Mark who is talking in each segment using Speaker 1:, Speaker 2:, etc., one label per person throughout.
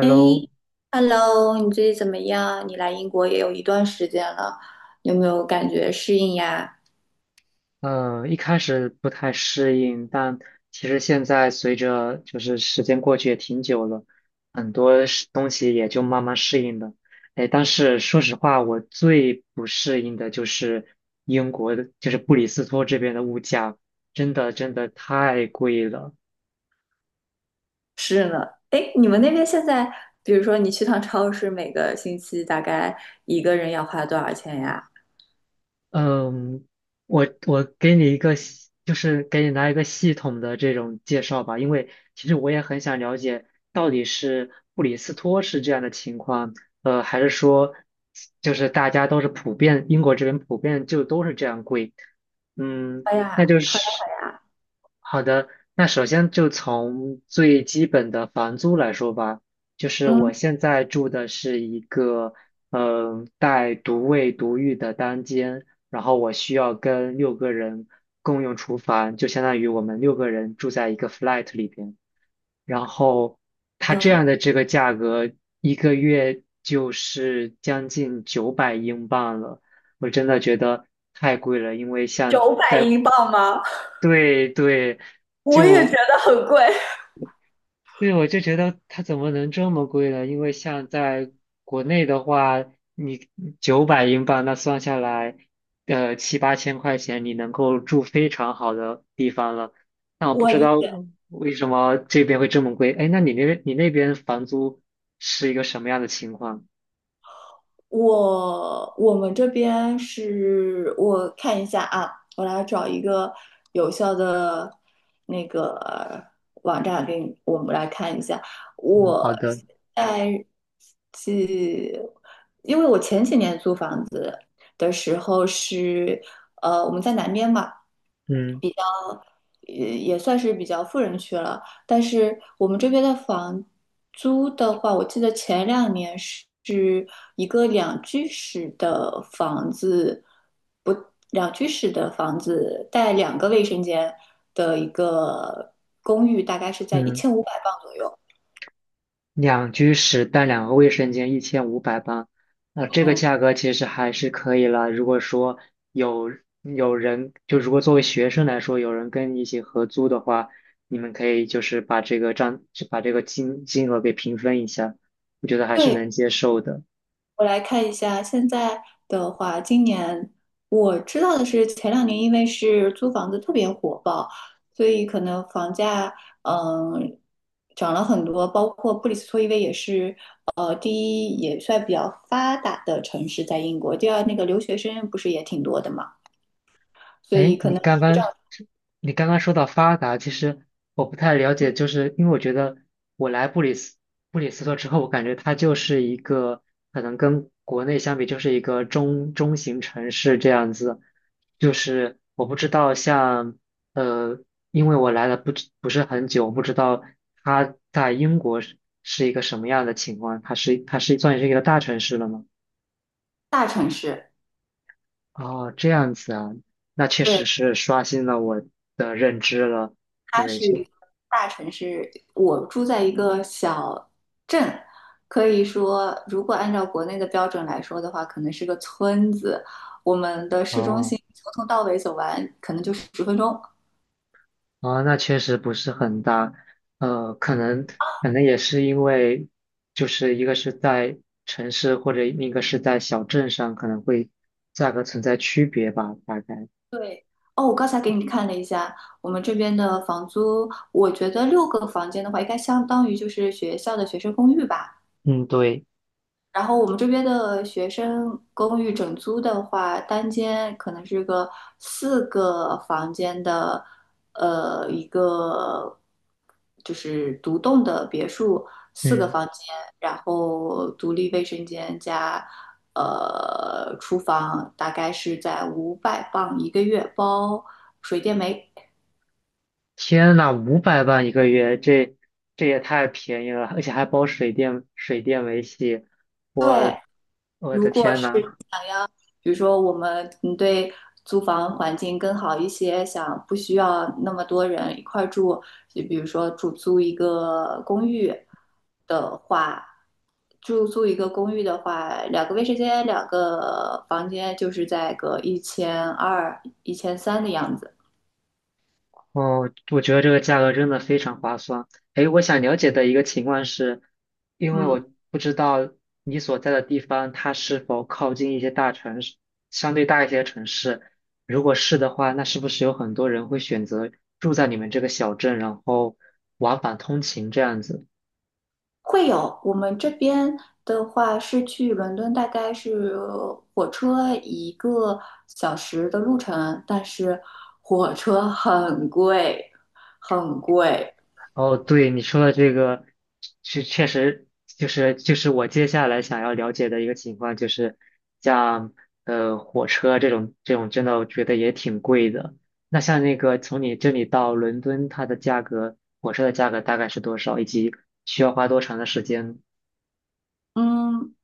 Speaker 1: 哎 ，hello，你最近怎么样？你来英国也有一段时间了，有没有感觉适应呀？
Speaker 2: 一开始不太适应，但其实现在随着就是时间过去也挺久了，很多是东西也就慢慢适应了。哎，但是说实话，我最不适应的就是英国的，就是布里斯托这边的物价，真的真的太贵了。
Speaker 1: 是呢。哎，你们那边现在，比如说你去趟超市，每个星期大概一个人要花多少钱呀？
Speaker 2: 嗯，我给你一个系，就是给你来一个系统的这种介绍吧，因为其实我也很想了解到底是布里斯托是这样的情况，还是说就是大家都是普遍，英国这边普遍就都是这样贵。嗯，
Speaker 1: 哎
Speaker 2: 那
Speaker 1: 呀，
Speaker 2: 就
Speaker 1: 好呀
Speaker 2: 是
Speaker 1: 好呀，
Speaker 2: 好的。那首先就从最基本的房租来说吧，就是我
Speaker 1: 嗯
Speaker 2: 现在住的是一个带独卫独浴的单间。然后我需要跟六个人共用厨房，就相当于我们六个人住在一个 flat 里边。然后它这
Speaker 1: 嗯，
Speaker 2: 样的这个价格，一个月就是将近九百英镑了，我真的觉得太贵了，因为像
Speaker 1: 900英镑吗？
Speaker 2: 对对，
Speaker 1: 我也觉
Speaker 2: 就
Speaker 1: 得很贵。
Speaker 2: 对，我就觉得它怎么能这么贵呢？因为像在国内的话，你九百英镑那算下来，七八千块钱你能够住非常好的地方了。那我不
Speaker 1: 我
Speaker 2: 知
Speaker 1: 理
Speaker 2: 道
Speaker 1: 解，
Speaker 2: 为什么这边会这么贵。哎，那你那边房租是一个什么样的情况？
Speaker 1: 我们这边是我看一下啊，我来找一个有效的那个网站给你，我们来看一下。
Speaker 2: 嗯，
Speaker 1: 我
Speaker 2: 好的，
Speaker 1: 在是，因为我前几年租房子的时候是，我们在南边嘛，
Speaker 2: 嗯
Speaker 1: 也算是比较富人区了。但是我们这边的房租的话，我记得前两年是一个两居室的房子，不，两居室的房子带两个卫生间的一个公寓，大概是在一
Speaker 2: 嗯。
Speaker 1: 千五百磅左右。
Speaker 2: 2居室带2个卫生间，1,580，这个
Speaker 1: 嗯。
Speaker 2: 价格其实还是可以了。如果说有有人，就如果作为学生来说，有人跟你一起合租的话，你们可以就是把这个账，就把这个金额给平分一下，我觉得还是
Speaker 1: 对。
Speaker 2: 能接受的。
Speaker 1: 我来看一下，现在的话，今年我知道的是，前两年因为是租房子特别火爆，所以可能房价嗯涨了很多，包括布里斯托，因为也是第一也算比较发达的城市，在英国，第二那个留学生不是也挺多的嘛，所以
Speaker 2: 哎，
Speaker 1: 可
Speaker 2: 你
Speaker 1: 能
Speaker 2: 刚
Speaker 1: 水
Speaker 2: 刚
Speaker 1: 涨
Speaker 2: 你刚刚说到发达，其实我不太了解，就是因为我觉得我来布里斯托之后，我感觉它就是一个可能跟国内相比，就是一个中型城市这样子。就是我不知道呃，因为我来了不是很久，我不知道它在英国是一个什么样的情况，它是算是一个大城市了吗？
Speaker 1: 大城市。
Speaker 2: 哦，这样子啊，那确
Speaker 1: 对。
Speaker 2: 实是刷新了我的认知了。
Speaker 1: 它
Speaker 2: 对，
Speaker 1: 是一个大城市，我住在一个小镇，可以说，如果按照国内的标准来说的话，可能是个村子。我们的市中
Speaker 2: 哦，
Speaker 1: 心从头到尾走完，可能就是10分钟。
Speaker 2: 那确实不是很大，呃，可能可能也是因为，就是一个是在城市或者一个是在小镇上，可能会价格存在区别吧，大概。
Speaker 1: 对，哦，我刚才给你看了一下，我们这边的房租，我觉得六个房间的话，应该相当于就是学校的学生公寓吧。
Speaker 2: 嗯，对，
Speaker 1: 然后我们这边的学生公寓整租的话，单间可能是个四个房间的，一个就是独栋的别墅，四个
Speaker 2: 嗯，
Speaker 1: 房间，然后独立卫生间加厨房，大概是在五百磅一个月，包水电煤。
Speaker 2: 天呐，500万1个月，这也太便宜了，而且还包水电维系，我
Speaker 1: 对，
Speaker 2: 我
Speaker 1: 如
Speaker 2: 的
Speaker 1: 果。
Speaker 2: 天呐！
Speaker 1: 比如说我们嗯对租房环境更好一些，想不需要那么多人一块儿住，就比如说住租一个公寓的话，住租一个公寓的话，两个卫生间、两个房间就是在个1200、1300的样子。
Speaker 2: 哦，我觉得这个价格真的非常划算。诶，我想了解的一个情况是，因为
Speaker 1: 嗯，
Speaker 2: 我不知道你所在的地方它是否靠近一些大城市，相对大一些的城市。如果是的话，那是不是有很多人会选择住在你们这个小镇，然后往返通勤这样子？
Speaker 1: 会有，我们这边的话是去伦敦，大概是火车一个小时的路程，但是火车很贵，很贵。
Speaker 2: 哦，对，你说的这个，是确实就是我接下来想要了解的一个情况，就是像火车这种，真的我觉得也挺贵的。那像那个从你这里到伦敦，它的价格，火车的价格大概是多少，以及需要花多长的时间？
Speaker 1: 嗯，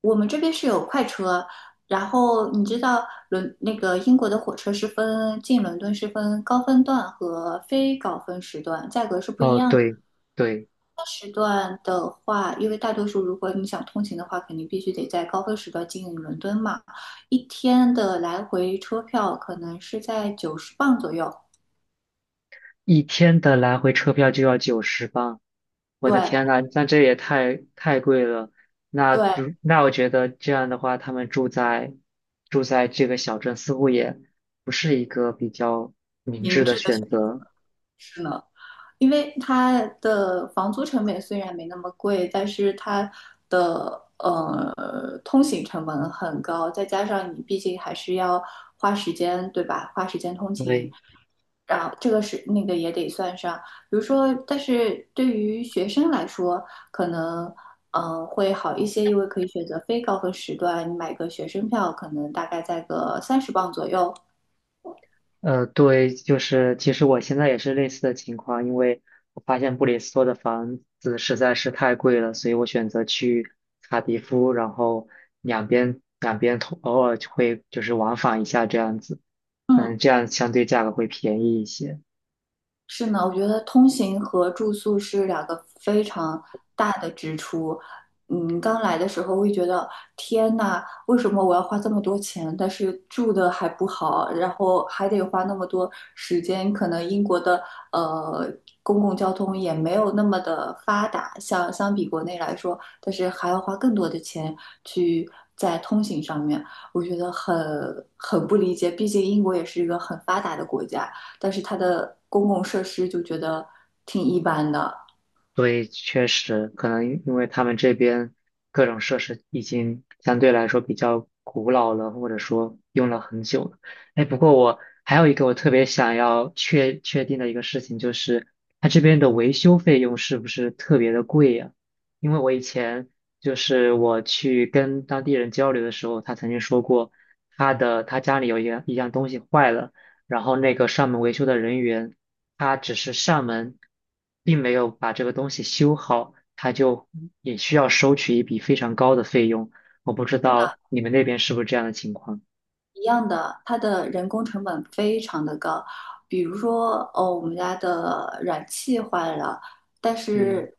Speaker 1: 我们这边是有快车，然后你知道伦那个英国的火车是分进伦敦是分高峰段和非高峰时段，价格是不一
Speaker 2: 哦，
Speaker 1: 样。的。
Speaker 2: 对对，
Speaker 1: 时段的话，因为大多数如果你想通勤的话，肯定必须得在高峰时段进伦敦嘛。一天的来回车票可能是在90磅左右。
Speaker 2: 1天的来回车票就要90镑。我的
Speaker 1: 对
Speaker 2: 天呐，那这也太贵了。那
Speaker 1: 对，
Speaker 2: 就那我觉得这样的话，他们住在这个小镇似乎也不是一个比较明
Speaker 1: 明
Speaker 2: 智的
Speaker 1: 智的选
Speaker 2: 选
Speaker 1: 择
Speaker 2: 择。
Speaker 1: 呢。因为它的房租成本虽然没那么贵，但是它的通行成本很高，再加上你毕竟还是要花时间，对吧？花时间通勤，
Speaker 2: 对，
Speaker 1: 然后这个是那个也得算上。比如说，但是对于学生来说，可能会好一些，因为可以选择非高峰时段，你买个学生票，可能大概在个30磅左右。
Speaker 2: 对，就是其实我现在也是类似的情况，因为我发现布里斯托的房子实在是太贵了，所以我选择去卡迪夫，然后两边通偶尔就会就是往返一下这样子，
Speaker 1: 嗯。
Speaker 2: 嗯，这样相对价格会便宜一些。
Speaker 1: 是呢，我觉得通行和住宿是两个非常大的支出。嗯，刚来的时候会觉得天呐，为什么我要花这么多钱？但是住的还不好，然后还得花那么多时间。可能英国的呃公共交通也没有那么的发达，像相比国内来说，但是还要花更多的钱去在通行上面，我觉得很不理解。毕竟英国也是一个很发达的国家。但是它的公共设施就觉得挺一般的。
Speaker 2: 所以确实可能因为他们这边各种设施已经相对来说比较古老了，或者说用了很久了。哎，不过我还有一个我特别想要确定的一个事情，就是它这边的维修费用是不是特别的贵呀？因为我以前就是我去跟当地人交流的时候，他曾经说过，他的他家里有一样东西坏了。然后那个上门维修的人员，他只是上门，并没有把这个东西修好，他就也需要收取一笔非常高的费用。我不知
Speaker 1: 是的，
Speaker 2: 道你们那边是不是这样的情况？
Speaker 1: 一样的，它的人工成本非常的高。比如说，哦，我们家的燃气坏了，但
Speaker 2: 嗯，
Speaker 1: 是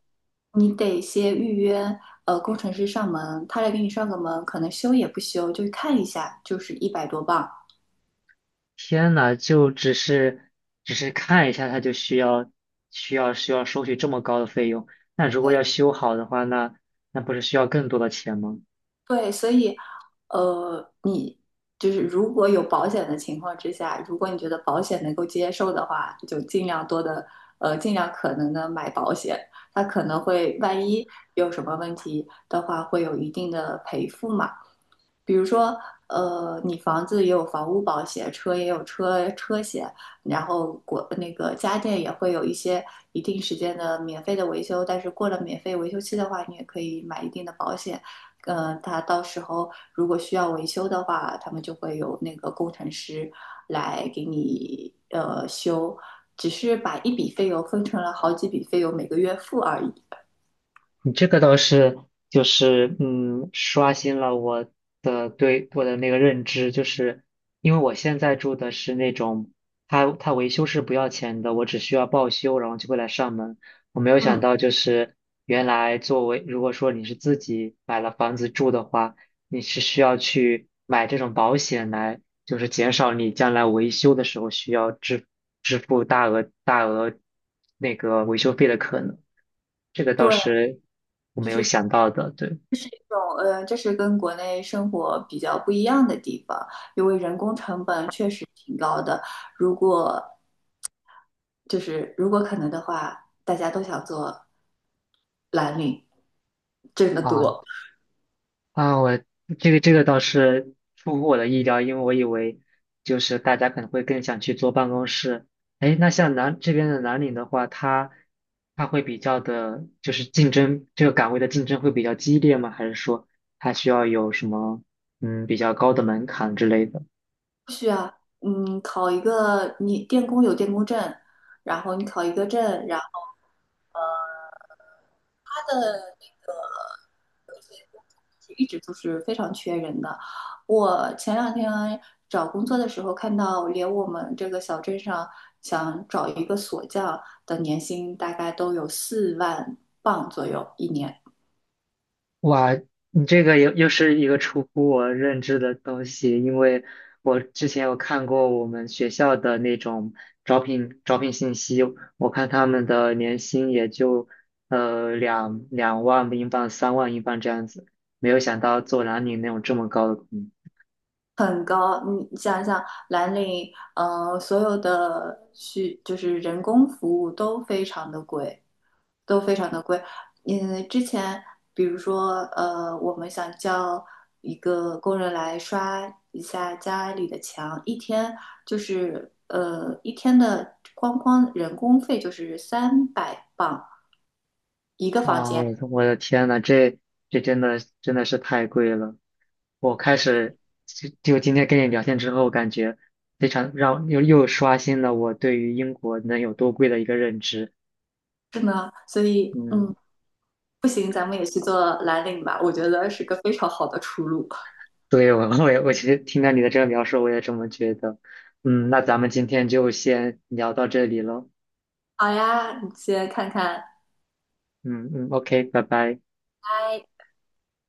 Speaker 1: 你得先预约，工程师上门，他来给你上个门，可能修也不修，就看一下，就是100多磅，
Speaker 2: 天呐，就只是看一下，他就需要收取这么高的费用。那如果
Speaker 1: 对，
Speaker 2: 要修好的话，那不是需要更多的钱吗？
Speaker 1: 对，所以，你就是如果有保险的情况之下，如果你觉得保险能够接受的话，就尽量多的，尽量可能的买保险。它可能会万一有什么问题的话，会有一定的赔付嘛。比如说，你房子也有房屋保险，车也有车险，然后国那个家电也会有一些一定时间的免费的维修，但是过了免费维修期的话，你也可以买一定的保险。他到时候如果需要维修的话，他们就会有那个工程师来给你修，只是把一笔费用分成了好几笔费用，每个月付而已。
Speaker 2: 你这个倒是就是刷新了对我的那个认知，就是因为我现在住的是那种，它维修是不要钱的，我只需要报修，然后就会来上门。我没有想
Speaker 1: 嗯，
Speaker 2: 到，就是原来作为如果说你是自己买了房子住的话，你是需要去买这种保险来。就是减少你将来维修的时候需要支付大额那个维修费的可能。这个倒
Speaker 1: 对，
Speaker 2: 是我
Speaker 1: 就
Speaker 2: 没有
Speaker 1: 是。
Speaker 2: 想到的，对。
Speaker 1: 种，这是跟国内生活比较不一样的地方，因为人工成本确实挺高的。如果就是如果可能的话，大家都想做蓝领，挣得
Speaker 2: 啊
Speaker 1: 多。
Speaker 2: 啊，我这个倒是出乎我的意料，因为我以为就是大家可能会更想去坐办公室。哎，那像南岭的话，它会比较的，就是竞争这个岗位的竞争会比较激烈吗？还是说它需要有什么比较高的门槛之类的？
Speaker 1: 嗯，考一个你电工有电工证，然后你考一个证，然后。一直都是非常缺人的。我前两天找工作的时候看到，连我们这个小镇上想找一个锁匠的年薪大概都有4万镑左右一年。
Speaker 2: 哇，你这个又是一个出乎我认知的东西，因为我之前有看过我们学校的那种招聘信息，我看他们的年薪也就两万英镑、3万英镑这样子，没有想到做男女那种这么高的工资。
Speaker 1: 很高，你想想，蓝领，所有的需就是人工服务都非常的贵，都非常的贵。嗯，之前比如说，我们想叫一个工人来刷一下家里的墙，一天就是一天的光人工费就是300磅一个
Speaker 2: 啊，
Speaker 1: 房间，
Speaker 2: 我的天呐，这真的真的是太贵了。我开始今天跟你聊天之后，感觉非常让又刷新了我对于英国能有多贵的一个认知。
Speaker 1: 是呢，所以嗯，
Speaker 2: 嗯，
Speaker 1: 不行，咱们也去做蓝领吧，我觉得是个非常好的出路。
Speaker 2: 对，我其实听到你的这个描述，我也这么觉得。嗯，那咱们今天就先聊到这里了。
Speaker 1: 好呀，你先看看，
Speaker 2: 嗯嗯，OK，拜拜。
Speaker 1: 嗨。